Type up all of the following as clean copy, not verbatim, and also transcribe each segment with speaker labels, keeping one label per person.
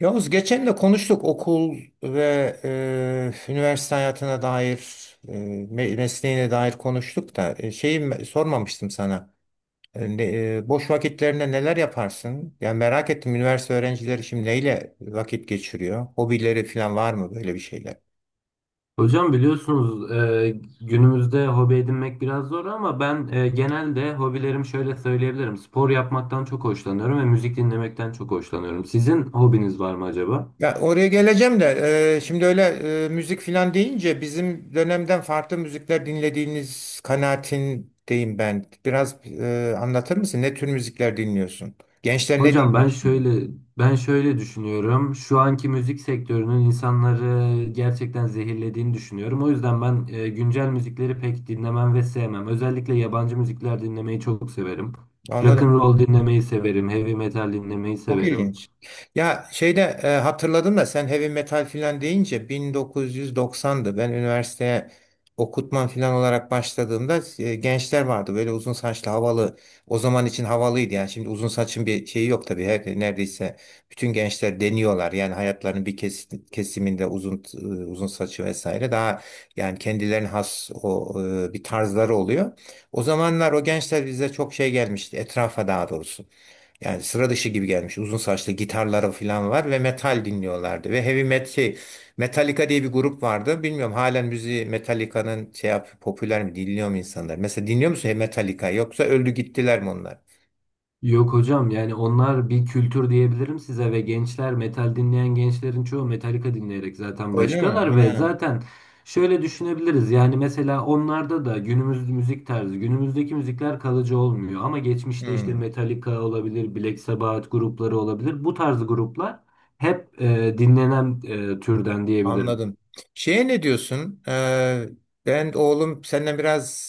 Speaker 1: Yavuz, geçen de konuştuk okul ve üniversite hayatına dair, mesleğine dair konuştuk da şeyi sormamıştım sana. E, ne- Boş vakitlerinde neler yaparsın? Yani merak ettim, üniversite öğrencileri şimdi neyle vakit geçiriyor? Hobileri falan var mı, böyle bir şeyler?
Speaker 2: Hocam biliyorsunuz günümüzde hobi edinmek biraz zor ama ben genelde hobilerim şöyle söyleyebilirim. Spor yapmaktan çok hoşlanıyorum ve müzik dinlemekten çok hoşlanıyorum. Sizin hobiniz var mı acaba?
Speaker 1: Ya oraya geleceğim de şimdi öyle müzik filan deyince bizim dönemden farklı müzikler dinlediğiniz kanaatindeyim ben. Biraz anlatır mısın? Ne tür müzikler dinliyorsun? Gençler ne
Speaker 2: Hocam
Speaker 1: dinliyor
Speaker 2: ben
Speaker 1: şimdi?
Speaker 2: şöyle ben şöyle düşünüyorum. Şu anki müzik sektörünün insanları gerçekten zehirlediğini düşünüyorum. O yüzden ben güncel müzikleri pek dinlemem ve sevmem. Özellikle yabancı müzikler dinlemeyi çok severim. Rock and
Speaker 1: Anladım.
Speaker 2: roll dinlemeyi severim, heavy metal dinlemeyi
Speaker 1: Çok
Speaker 2: severim.
Speaker 1: ilginç. Ya şeyde hatırladım da sen heavy metal filan deyince 1990'dı. Ben üniversiteye okutman filan olarak başladığımda gençler vardı. Böyle uzun saçlı, havalı. O zaman için havalıydı yani. Şimdi uzun saçın bir şeyi yok tabii. Her, neredeyse bütün gençler deniyorlar. Yani hayatlarının bir kesiminde uzun uzun saçı vesaire. Daha yani kendilerine has o bir tarzları oluyor. O zamanlar o gençler bize çok şey gelmişti. Etrafa daha doğrusu. Yani sıra dışı gibi gelmiş. Uzun saçlı, gitarları falan var ve metal dinliyorlardı. Ve heavy metal şey, Metallica diye bir grup vardı. Bilmiyorum, halen müziği Metallica'nın şey yap, popüler mi, dinliyor mu insanlar? Mesela dinliyor musun Metallica, yoksa öldü gittiler mi onlar?
Speaker 2: Yok hocam, yani onlar bir kültür diyebilirim size ve gençler metal dinleyen gençlerin çoğu Metallica dinleyerek zaten
Speaker 1: Öyle mi?
Speaker 2: başlıyorlar ve
Speaker 1: Ha.
Speaker 2: zaten şöyle düşünebiliriz. Yani mesela onlarda da günümüz müzik tarzı günümüzdeki müzikler kalıcı olmuyor ama geçmişte işte
Speaker 1: Hmm.
Speaker 2: Metallica olabilir, Black Sabbath grupları olabilir, bu tarz gruplar hep dinlenen türden diyebilirim.
Speaker 1: Anladım. Şeye ne diyorsun? Ben oğlum senden biraz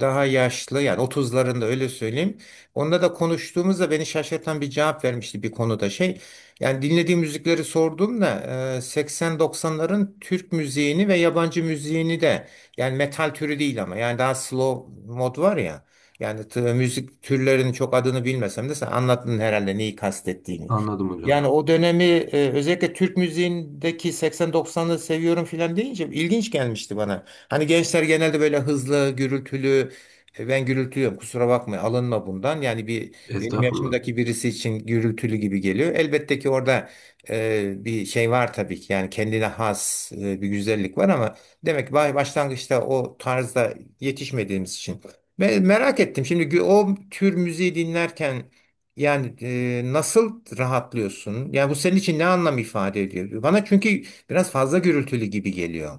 Speaker 1: daha yaşlı, yani 30'larında, öyle söyleyeyim. Onda da konuştuğumuzda beni şaşırtan bir cevap vermişti bir konuda şey. Yani dinlediği müzikleri sorduğumda 80-90'ların Türk müziğini ve yabancı müziğini de, yani metal türü değil ama yani daha slow mod var ya. Yani müzik türlerinin çok adını bilmesem de sen anlattın herhalde neyi kastettiğini.
Speaker 2: Anladım hocam.
Speaker 1: Yani o dönemi özellikle Türk müziğindeki 80-90'ları seviyorum filan deyince ilginç gelmişti bana. Hani gençler genelde böyle hızlı, gürültülü, ben gürültülüyorum, kusura bakma, alınma bundan. Yani bir benim
Speaker 2: Estağfurullah.
Speaker 1: yaşımdaki birisi için gürültülü gibi geliyor. Elbette ki orada bir şey var tabii ki, yani kendine has bir güzellik var ama demek ki başlangıçta o tarzda yetişmediğimiz için. Ben merak ettim, şimdi o tür müziği dinlerken yani nasıl rahatlıyorsun? Yani bu senin için ne anlam ifade ediyor? Bana çünkü biraz fazla gürültülü gibi geliyor.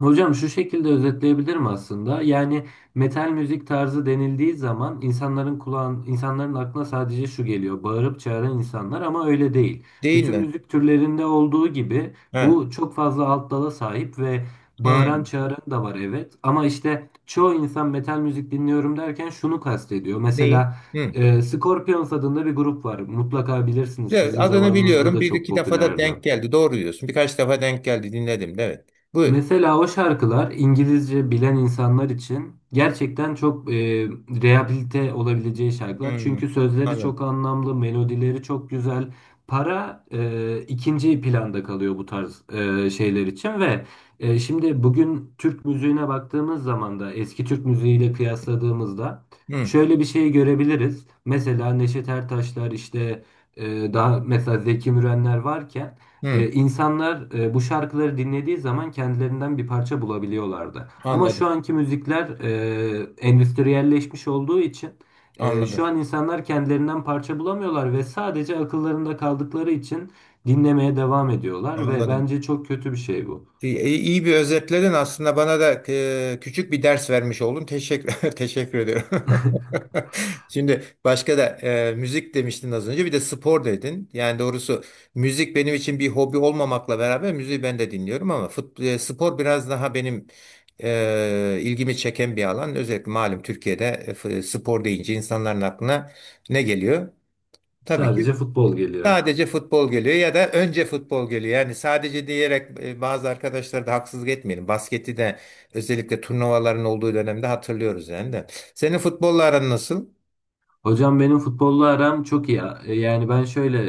Speaker 2: Hocam şu şekilde özetleyebilirim aslında. Yani metal müzik tarzı denildiği zaman insanların kulağın, insanların aklına sadece şu geliyor: bağırıp çağıran insanlar ama öyle değil.
Speaker 1: Değil
Speaker 2: Bütün
Speaker 1: mi?
Speaker 2: müzik türlerinde olduğu gibi
Speaker 1: Ha.
Speaker 2: bu çok fazla alt dala sahip ve bağıran
Speaker 1: Hmm.
Speaker 2: çağıran da var, evet. Ama işte çoğu insan metal müzik dinliyorum derken şunu kastediyor.
Speaker 1: Değil.
Speaker 2: Mesela
Speaker 1: Hmm.
Speaker 2: Scorpions adında bir grup var. Mutlaka bilirsiniz.
Speaker 1: Evet,
Speaker 2: Sizin
Speaker 1: adını
Speaker 2: zamanınızda
Speaker 1: biliyorum.
Speaker 2: da
Speaker 1: Bir
Speaker 2: çok
Speaker 1: iki defa da
Speaker 2: popülerdi.
Speaker 1: denk geldi. Doğru diyorsun. Birkaç defa denk geldi. Dinledim. Evet. Buyur.
Speaker 2: Mesela o şarkılar İngilizce bilen insanlar için gerçekten çok rehabilite olabileceği şarkılar.
Speaker 1: Hmm.
Speaker 2: Çünkü sözleri
Speaker 1: Anladım.
Speaker 2: çok anlamlı, melodileri çok güzel. Para ikinci planda kalıyor bu tarz şeyler için ve şimdi bugün Türk müziğine baktığımız zaman da eski Türk müziğiyle kıyasladığımızda
Speaker 1: Hmm.
Speaker 2: şöyle bir şey görebiliriz. Mesela Neşet Ertaşlar işte daha mesela Zeki Mürenler varken
Speaker 1: Hmm.
Speaker 2: insanlar bu şarkıları dinlediği zaman kendilerinden bir parça bulabiliyorlardı. Ama
Speaker 1: Anladım.
Speaker 2: şu anki müzikler endüstriyelleşmiş olduğu için
Speaker 1: Anladım.
Speaker 2: şu an insanlar kendilerinden parça bulamıyorlar ve sadece akıllarında kaldıkları için dinlemeye devam ediyorlar ve
Speaker 1: Anladım.
Speaker 2: bence çok kötü bir şey bu.
Speaker 1: İyi bir özetledin aslında, bana da küçük bir ders vermiş oldun. Teşekkür teşekkür ediyorum. Şimdi başka da müzik demiştin az önce, bir de spor dedin. Yani doğrusu müzik benim için bir hobi olmamakla beraber müziği ben de dinliyorum ama spor biraz daha benim ilgimi çeken bir alan. Özellikle malum Türkiye'de spor deyince insanların aklına ne geliyor? Tabii ki
Speaker 2: Sadece futbol geliyor.
Speaker 1: sadece futbol geliyor ya da önce futbol geliyor. Yani sadece diyerek bazı arkadaşlara da haksızlık etmeyelim. Basketi de özellikle turnuvaların olduğu dönemde hatırlıyoruz yani de. Senin futbolla aran nasıl?
Speaker 2: Hocam benim futbolla aram çok iyi. Yani ben şöyle,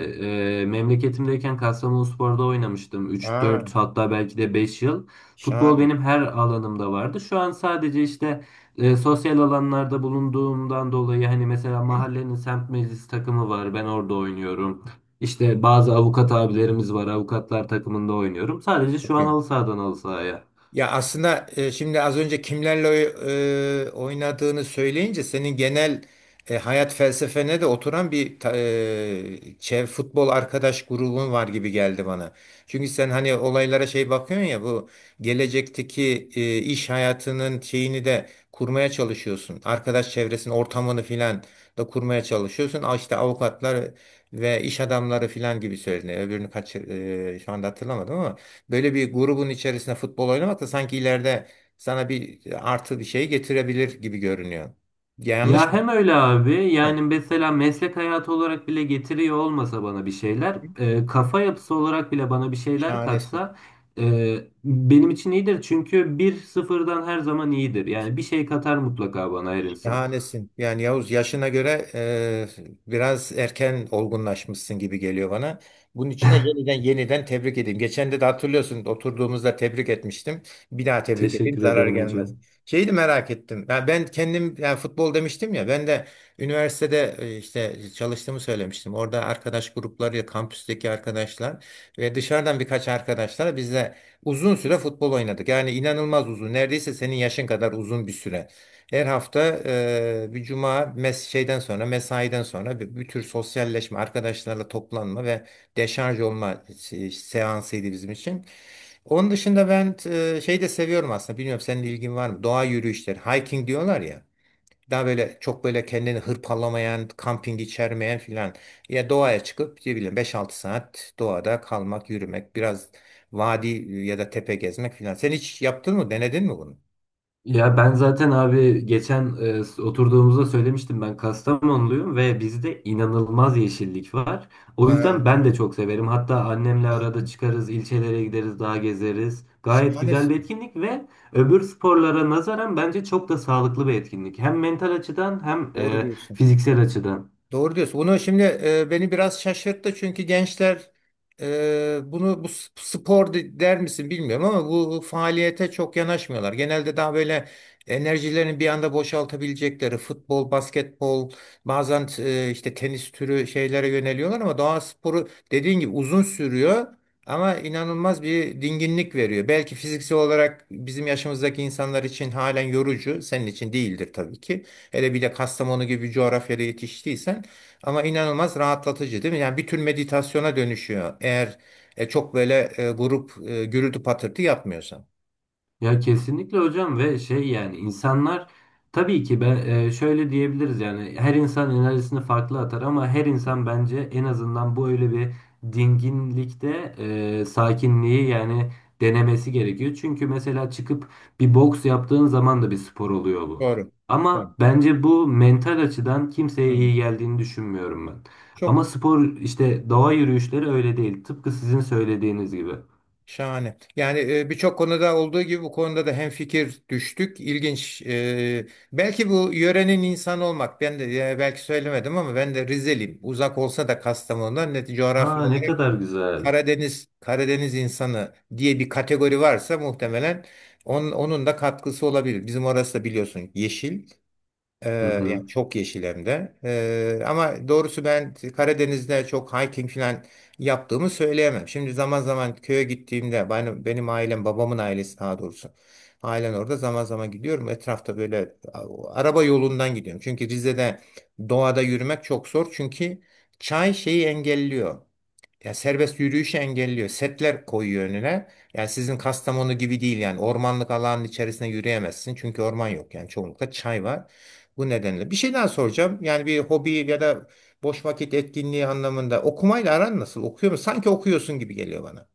Speaker 2: memleketimdeyken Kastamonuspor'da oynamıştım. Üç
Speaker 1: Ha.
Speaker 2: dört, hatta belki de 5 yıl. Futbol
Speaker 1: Şahane.
Speaker 2: benim her alanımda vardı. Şu an sadece işte sosyal alanlarda bulunduğumdan dolayı, hani mesela
Speaker 1: Hı,
Speaker 2: mahallenin semt meclis takımı var, ben orada oynuyorum. İşte bazı avukat abilerimiz var, avukatlar takımında oynuyorum. Sadece şu
Speaker 1: çok
Speaker 2: an
Speaker 1: iyi.
Speaker 2: halı sahadan halı sahaya.
Speaker 1: Ya aslında şimdi az önce kimlerle oynadığını söyleyince senin genel hayat felsefene de oturan bir ta- e, çev futbol arkadaş grubun var gibi geldi bana. Çünkü sen hani olaylara şey bakıyorsun ya, bu gelecekteki iş hayatının şeyini de kurmaya çalışıyorsun. Arkadaş çevresinin ortamını filan da kurmaya çalışıyorsun. Aa, İşte avukatlar ve iş adamları filan gibi söyledin. Öbürünü kaç şu anda hatırlamadım ama. Böyle bir grubun içerisinde futbol oynamak da sanki ileride sana bir artı bir şey getirebilir gibi görünüyor. Yanlış
Speaker 2: Ya
Speaker 1: mı?
Speaker 2: hem öyle abi,
Speaker 1: Ha.
Speaker 2: yani mesela meslek hayatı olarak bile getiriyor olmasa bana bir şeyler, kafa yapısı olarak bile bana bir şeyler
Speaker 1: Şahanesin.
Speaker 2: katsa e, benim için iyidir. Çünkü bir sıfırdan her zaman iyidir. Yani bir şey katar mutlaka bana her insan.
Speaker 1: Şahanesin. Yani Yavuz, yaşına göre biraz erken olgunlaşmışsın gibi geliyor bana. Bunun içine yeniden yeniden tebrik edeyim. Geçen de, hatırlıyorsun oturduğumuzda tebrik etmiştim. Bir daha tebrik edeyim,
Speaker 2: Teşekkür
Speaker 1: zarar
Speaker 2: ederim
Speaker 1: gelmez.
Speaker 2: hocam.
Speaker 1: Şeyi de merak ettim. Ya ben kendim, yani futbol demiştim ya, ben de üniversitede işte çalıştığımı söylemiştim. Orada arkadaş grupları, kampüsteki arkadaşlar ve dışarıdan birkaç arkadaşlar bizle uzun süre futbol oynadık. Yani inanılmaz uzun. Neredeyse senin yaşın kadar uzun bir süre. Her hafta bir cuma şeyden sonra, mesaiden sonra bir tür sosyalleşme, arkadaşlarla toplanma ve deşarj olma seansıydı bizim için. Onun dışında ben şey de seviyorum aslında. Bilmiyorum senin ilgin var mı? Doğa yürüyüşleri, hiking diyorlar ya. Daha böyle çok böyle kendini hırpalamayan, kamping içermeyen filan. Ya doğaya çıkıp ne bileyim 5 6 saat doğada kalmak, yürümek, biraz vadi ya da tepe gezmek filan. Sen hiç yaptın mı? Denedin mi bunu?
Speaker 2: Ya ben zaten abi geçen oturduğumuzda söylemiştim, ben Kastamonluyum ve bizde inanılmaz yeşillik var. O yüzden
Speaker 1: Ha,
Speaker 2: ben de çok severim. Hatta annemle
Speaker 1: ha.
Speaker 2: arada çıkarız, ilçelere gideriz, dağ gezeriz. Gayet
Speaker 1: Şahane.
Speaker 2: güzel bir etkinlik ve öbür sporlara nazaran bence çok da sağlıklı bir etkinlik. Hem mental açıdan hem
Speaker 1: Doğru diyorsun.
Speaker 2: fiziksel açıdan.
Speaker 1: Doğru diyorsun. Bunu şimdi beni biraz şaşırttı çünkü gençler bunu bu spor der misin bilmiyorum ama bu faaliyete çok yanaşmıyorlar. Genelde daha böyle enerjilerini bir anda boşaltabilecekleri futbol, basketbol, bazen işte tenis türü şeylere yöneliyorlar ama doğa sporu dediğin gibi uzun sürüyor ama inanılmaz bir dinginlik veriyor. Belki fiziksel olarak bizim yaşımızdaki insanlar için halen yorucu, senin için değildir tabii ki. Hele bir de Kastamonu gibi bir coğrafyada yetiştiysen ama inanılmaz rahatlatıcı değil mi? Yani bir tür meditasyona dönüşüyor. Eğer çok böyle grup gürültü patırtı yapmıyorsan.
Speaker 2: Ya kesinlikle hocam. Ve şey, yani insanlar tabii ki, ben şöyle diyebiliriz, yani her insan enerjisini farklı atar ama her insan bence en azından bu öyle bir dinginlikte sakinliği yani denemesi gerekiyor. Çünkü mesela çıkıp bir boks yaptığın zaman da bir spor oluyor bu.
Speaker 1: Doğru. Evet.
Speaker 2: Ama bence bu mental açıdan kimseye
Speaker 1: Hı.
Speaker 2: iyi geldiğini düşünmüyorum ben.
Speaker 1: Çok
Speaker 2: Ama spor, işte doğa yürüyüşleri öyle değil. Tıpkı sizin söylediğiniz gibi.
Speaker 1: şahane. Yani birçok konuda olduğu gibi bu konuda da hemfikir düştük. İlginç. Belki bu yörenin insanı olmak. Ben de belki söylemedim ama ben de Rizeliyim. Uzak olsa da Kastamonu'dan net coğrafya
Speaker 2: Aa, ne kadar güzel.
Speaker 1: Karadeniz insanı diye bir kategori varsa muhtemelen onun da katkısı olabilir. Bizim orası da biliyorsun yeşil.
Speaker 2: Hı
Speaker 1: Yani
Speaker 2: hı.
Speaker 1: çok yeşil hem de. Ama doğrusu ben Karadeniz'de çok hiking falan yaptığımı söyleyemem. Şimdi zaman zaman köye gittiğimde benim ailem, babamın ailesi daha doğrusu. Ailen orada zaman zaman gidiyorum. Etrafta böyle araba yolundan gidiyorum. Çünkü Rize'de doğada yürümek çok zor. Çünkü çay şeyi engelliyor. Ya serbest yürüyüşü engelliyor. Setler koyuyor önüne. Yani sizin Kastamonu gibi değil, yani ormanlık alanın içerisine yürüyemezsin. Çünkü orman yok yani çoğunlukla çay var. Bu nedenle. Bir şey daha soracağım. Yani bir hobi ya da boş vakit etkinliği anlamında okumayla aran nasıl? Okuyor musun? Sanki okuyorsun gibi geliyor bana.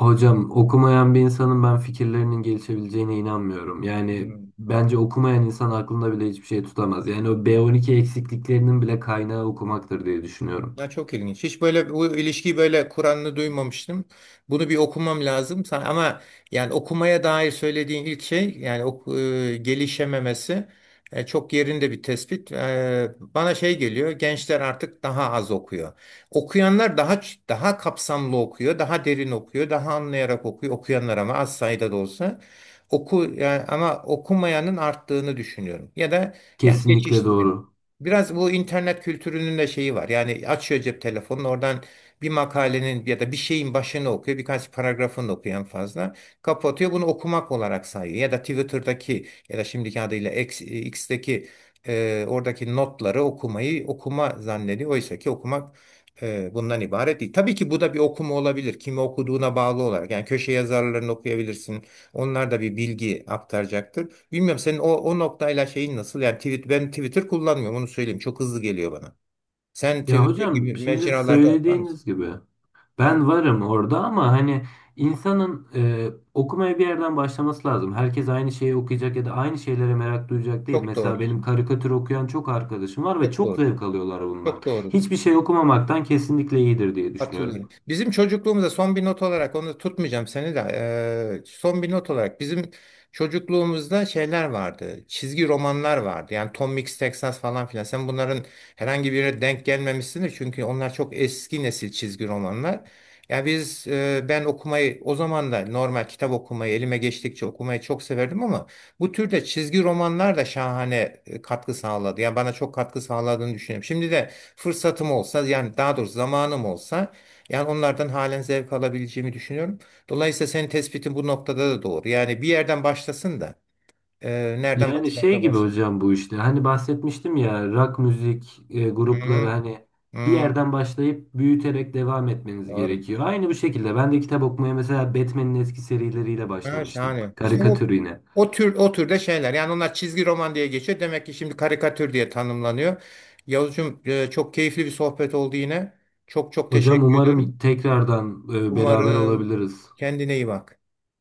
Speaker 2: Hocam okumayan bir insanın ben fikirlerinin gelişebileceğine inanmıyorum. Yani
Speaker 1: Hmm.
Speaker 2: bence okumayan insan aklında bile hiçbir şey tutamaz. Yani o B12 eksikliklerinin bile kaynağı okumaktır diye düşünüyorum.
Speaker 1: Ya çok ilginç. Hiç böyle bu ilişkiyi böyle Kur'an'ını duymamıştım. Bunu bir okumam lazım. Ama yani okumaya dair söylediğin ilk şey, yani gelişememesi çok yerinde bir tespit. Bana şey geliyor. Gençler artık daha az okuyor. Okuyanlar daha kapsamlı okuyor, daha derin okuyor, daha anlayarak okuyor. Okuyanlar ama az sayıda da olsa oku, yani, ama okumayanın arttığını düşünüyorum. Ya da yani
Speaker 2: Kesinlikle
Speaker 1: geçiştiriyor.
Speaker 2: doğru.
Speaker 1: Biraz bu internet kültürünün de şeyi var. Yani açıyor cep telefonunu, oradan bir makalenin ya da bir şeyin başını okuyor. Birkaç paragrafını okuyor en fazla. Kapatıyor, bunu okumak olarak sayıyor. Ya da Twitter'daki ya da şimdiki adıyla X'teki oradaki notları okumayı okuma zannediyor. Oysa ki okumak bundan ibaret değil. Tabii ki bu da bir okuma olabilir. Kimi okuduğuna bağlı olarak. Yani köşe yazarlarını okuyabilirsin. Onlar da bir bilgi aktaracaktır. Bilmiyorum senin o noktayla şeyin nasıl? Yani tweet, ben Twitter kullanmıyorum onu söyleyeyim. Çok hızlı geliyor bana. Sen
Speaker 2: Ya
Speaker 1: Twitter gibi
Speaker 2: hocam şimdi
Speaker 1: mecralarda var mısın?
Speaker 2: söylediğiniz gibi,
Speaker 1: Hı,
Speaker 2: ben varım orada ama hani insanın okumaya bir yerden başlaması lazım. Herkes aynı şeyi okuyacak ya da aynı şeylere merak duyacak değil.
Speaker 1: çok
Speaker 2: Mesela benim
Speaker 1: doğrusun.
Speaker 2: karikatür okuyan çok arkadaşım var ve
Speaker 1: Çok
Speaker 2: çok
Speaker 1: doğru.
Speaker 2: zevk alıyorlar bundan.
Speaker 1: Çok doğru.
Speaker 2: Hiçbir şey okumamaktan kesinlikle iyidir diye düşünüyorum.
Speaker 1: Katılıyorum. Bizim çocukluğumuzda son bir not olarak onu tutmayacağım seni de son bir not olarak bizim çocukluğumuzda şeyler vardı. Çizgi romanlar vardı. Yani Tom Mix Texas falan filan. Sen bunların herhangi birine denk gelmemişsindir. Çünkü onlar çok eski nesil çizgi romanlar. Ya biz ben okumayı o zaman da normal kitap okumayı elime geçtikçe okumayı çok severdim ama bu türde çizgi romanlar da şahane katkı sağladı. Yani bana çok katkı sağladığını düşünüyorum. Şimdi de fırsatım olsa yani daha doğrusu zamanım olsa yani onlardan halen zevk alabileceğimi düşünüyorum. Dolayısıyla senin tespitin bu noktada da doğru. Yani bir yerden başlasın da e, nereden
Speaker 2: Yani şey
Speaker 1: başlarsa
Speaker 2: gibi
Speaker 1: başlasın.
Speaker 2: hocam, bu işte hani bahsetmiştim ya, rock müzik grupları,
Speaker 1: Hı,
Speaker 2: hani bir
Speaker 1: hı,
Speaker 2: yerden başlayıp büyüterek devam etmeniz
Speaker 1: doğru.
Speaker 2: gerekiyor. Aynı bu şekilde ben de kitap okumaya mesela Batman'in eski serileriyle
Speaker 1: Ha,
Speaker 2: başlamıştım.
Speaker 1: şahane. İşte
Speaker 2: Karikatür
Speaker 1: bu
Speaker 2: yine.
Speaker 1: o türde şeyler. Yani onlar çizgi roman diye geçiyor. Demek ki şimdi karikatür diye tanımlanıyor. Yavuzcum, çok keyifli bir sohbet oldu yine. Çok çok
Speaker 2: Hocam
Speaker 1: teşekkür ediyorum.
Speaker 2: umarım tekrardan beraber
Speaker 1: Umarım
Speaker 2: olabiliriz.
Speaker 1: kendine iyi bak.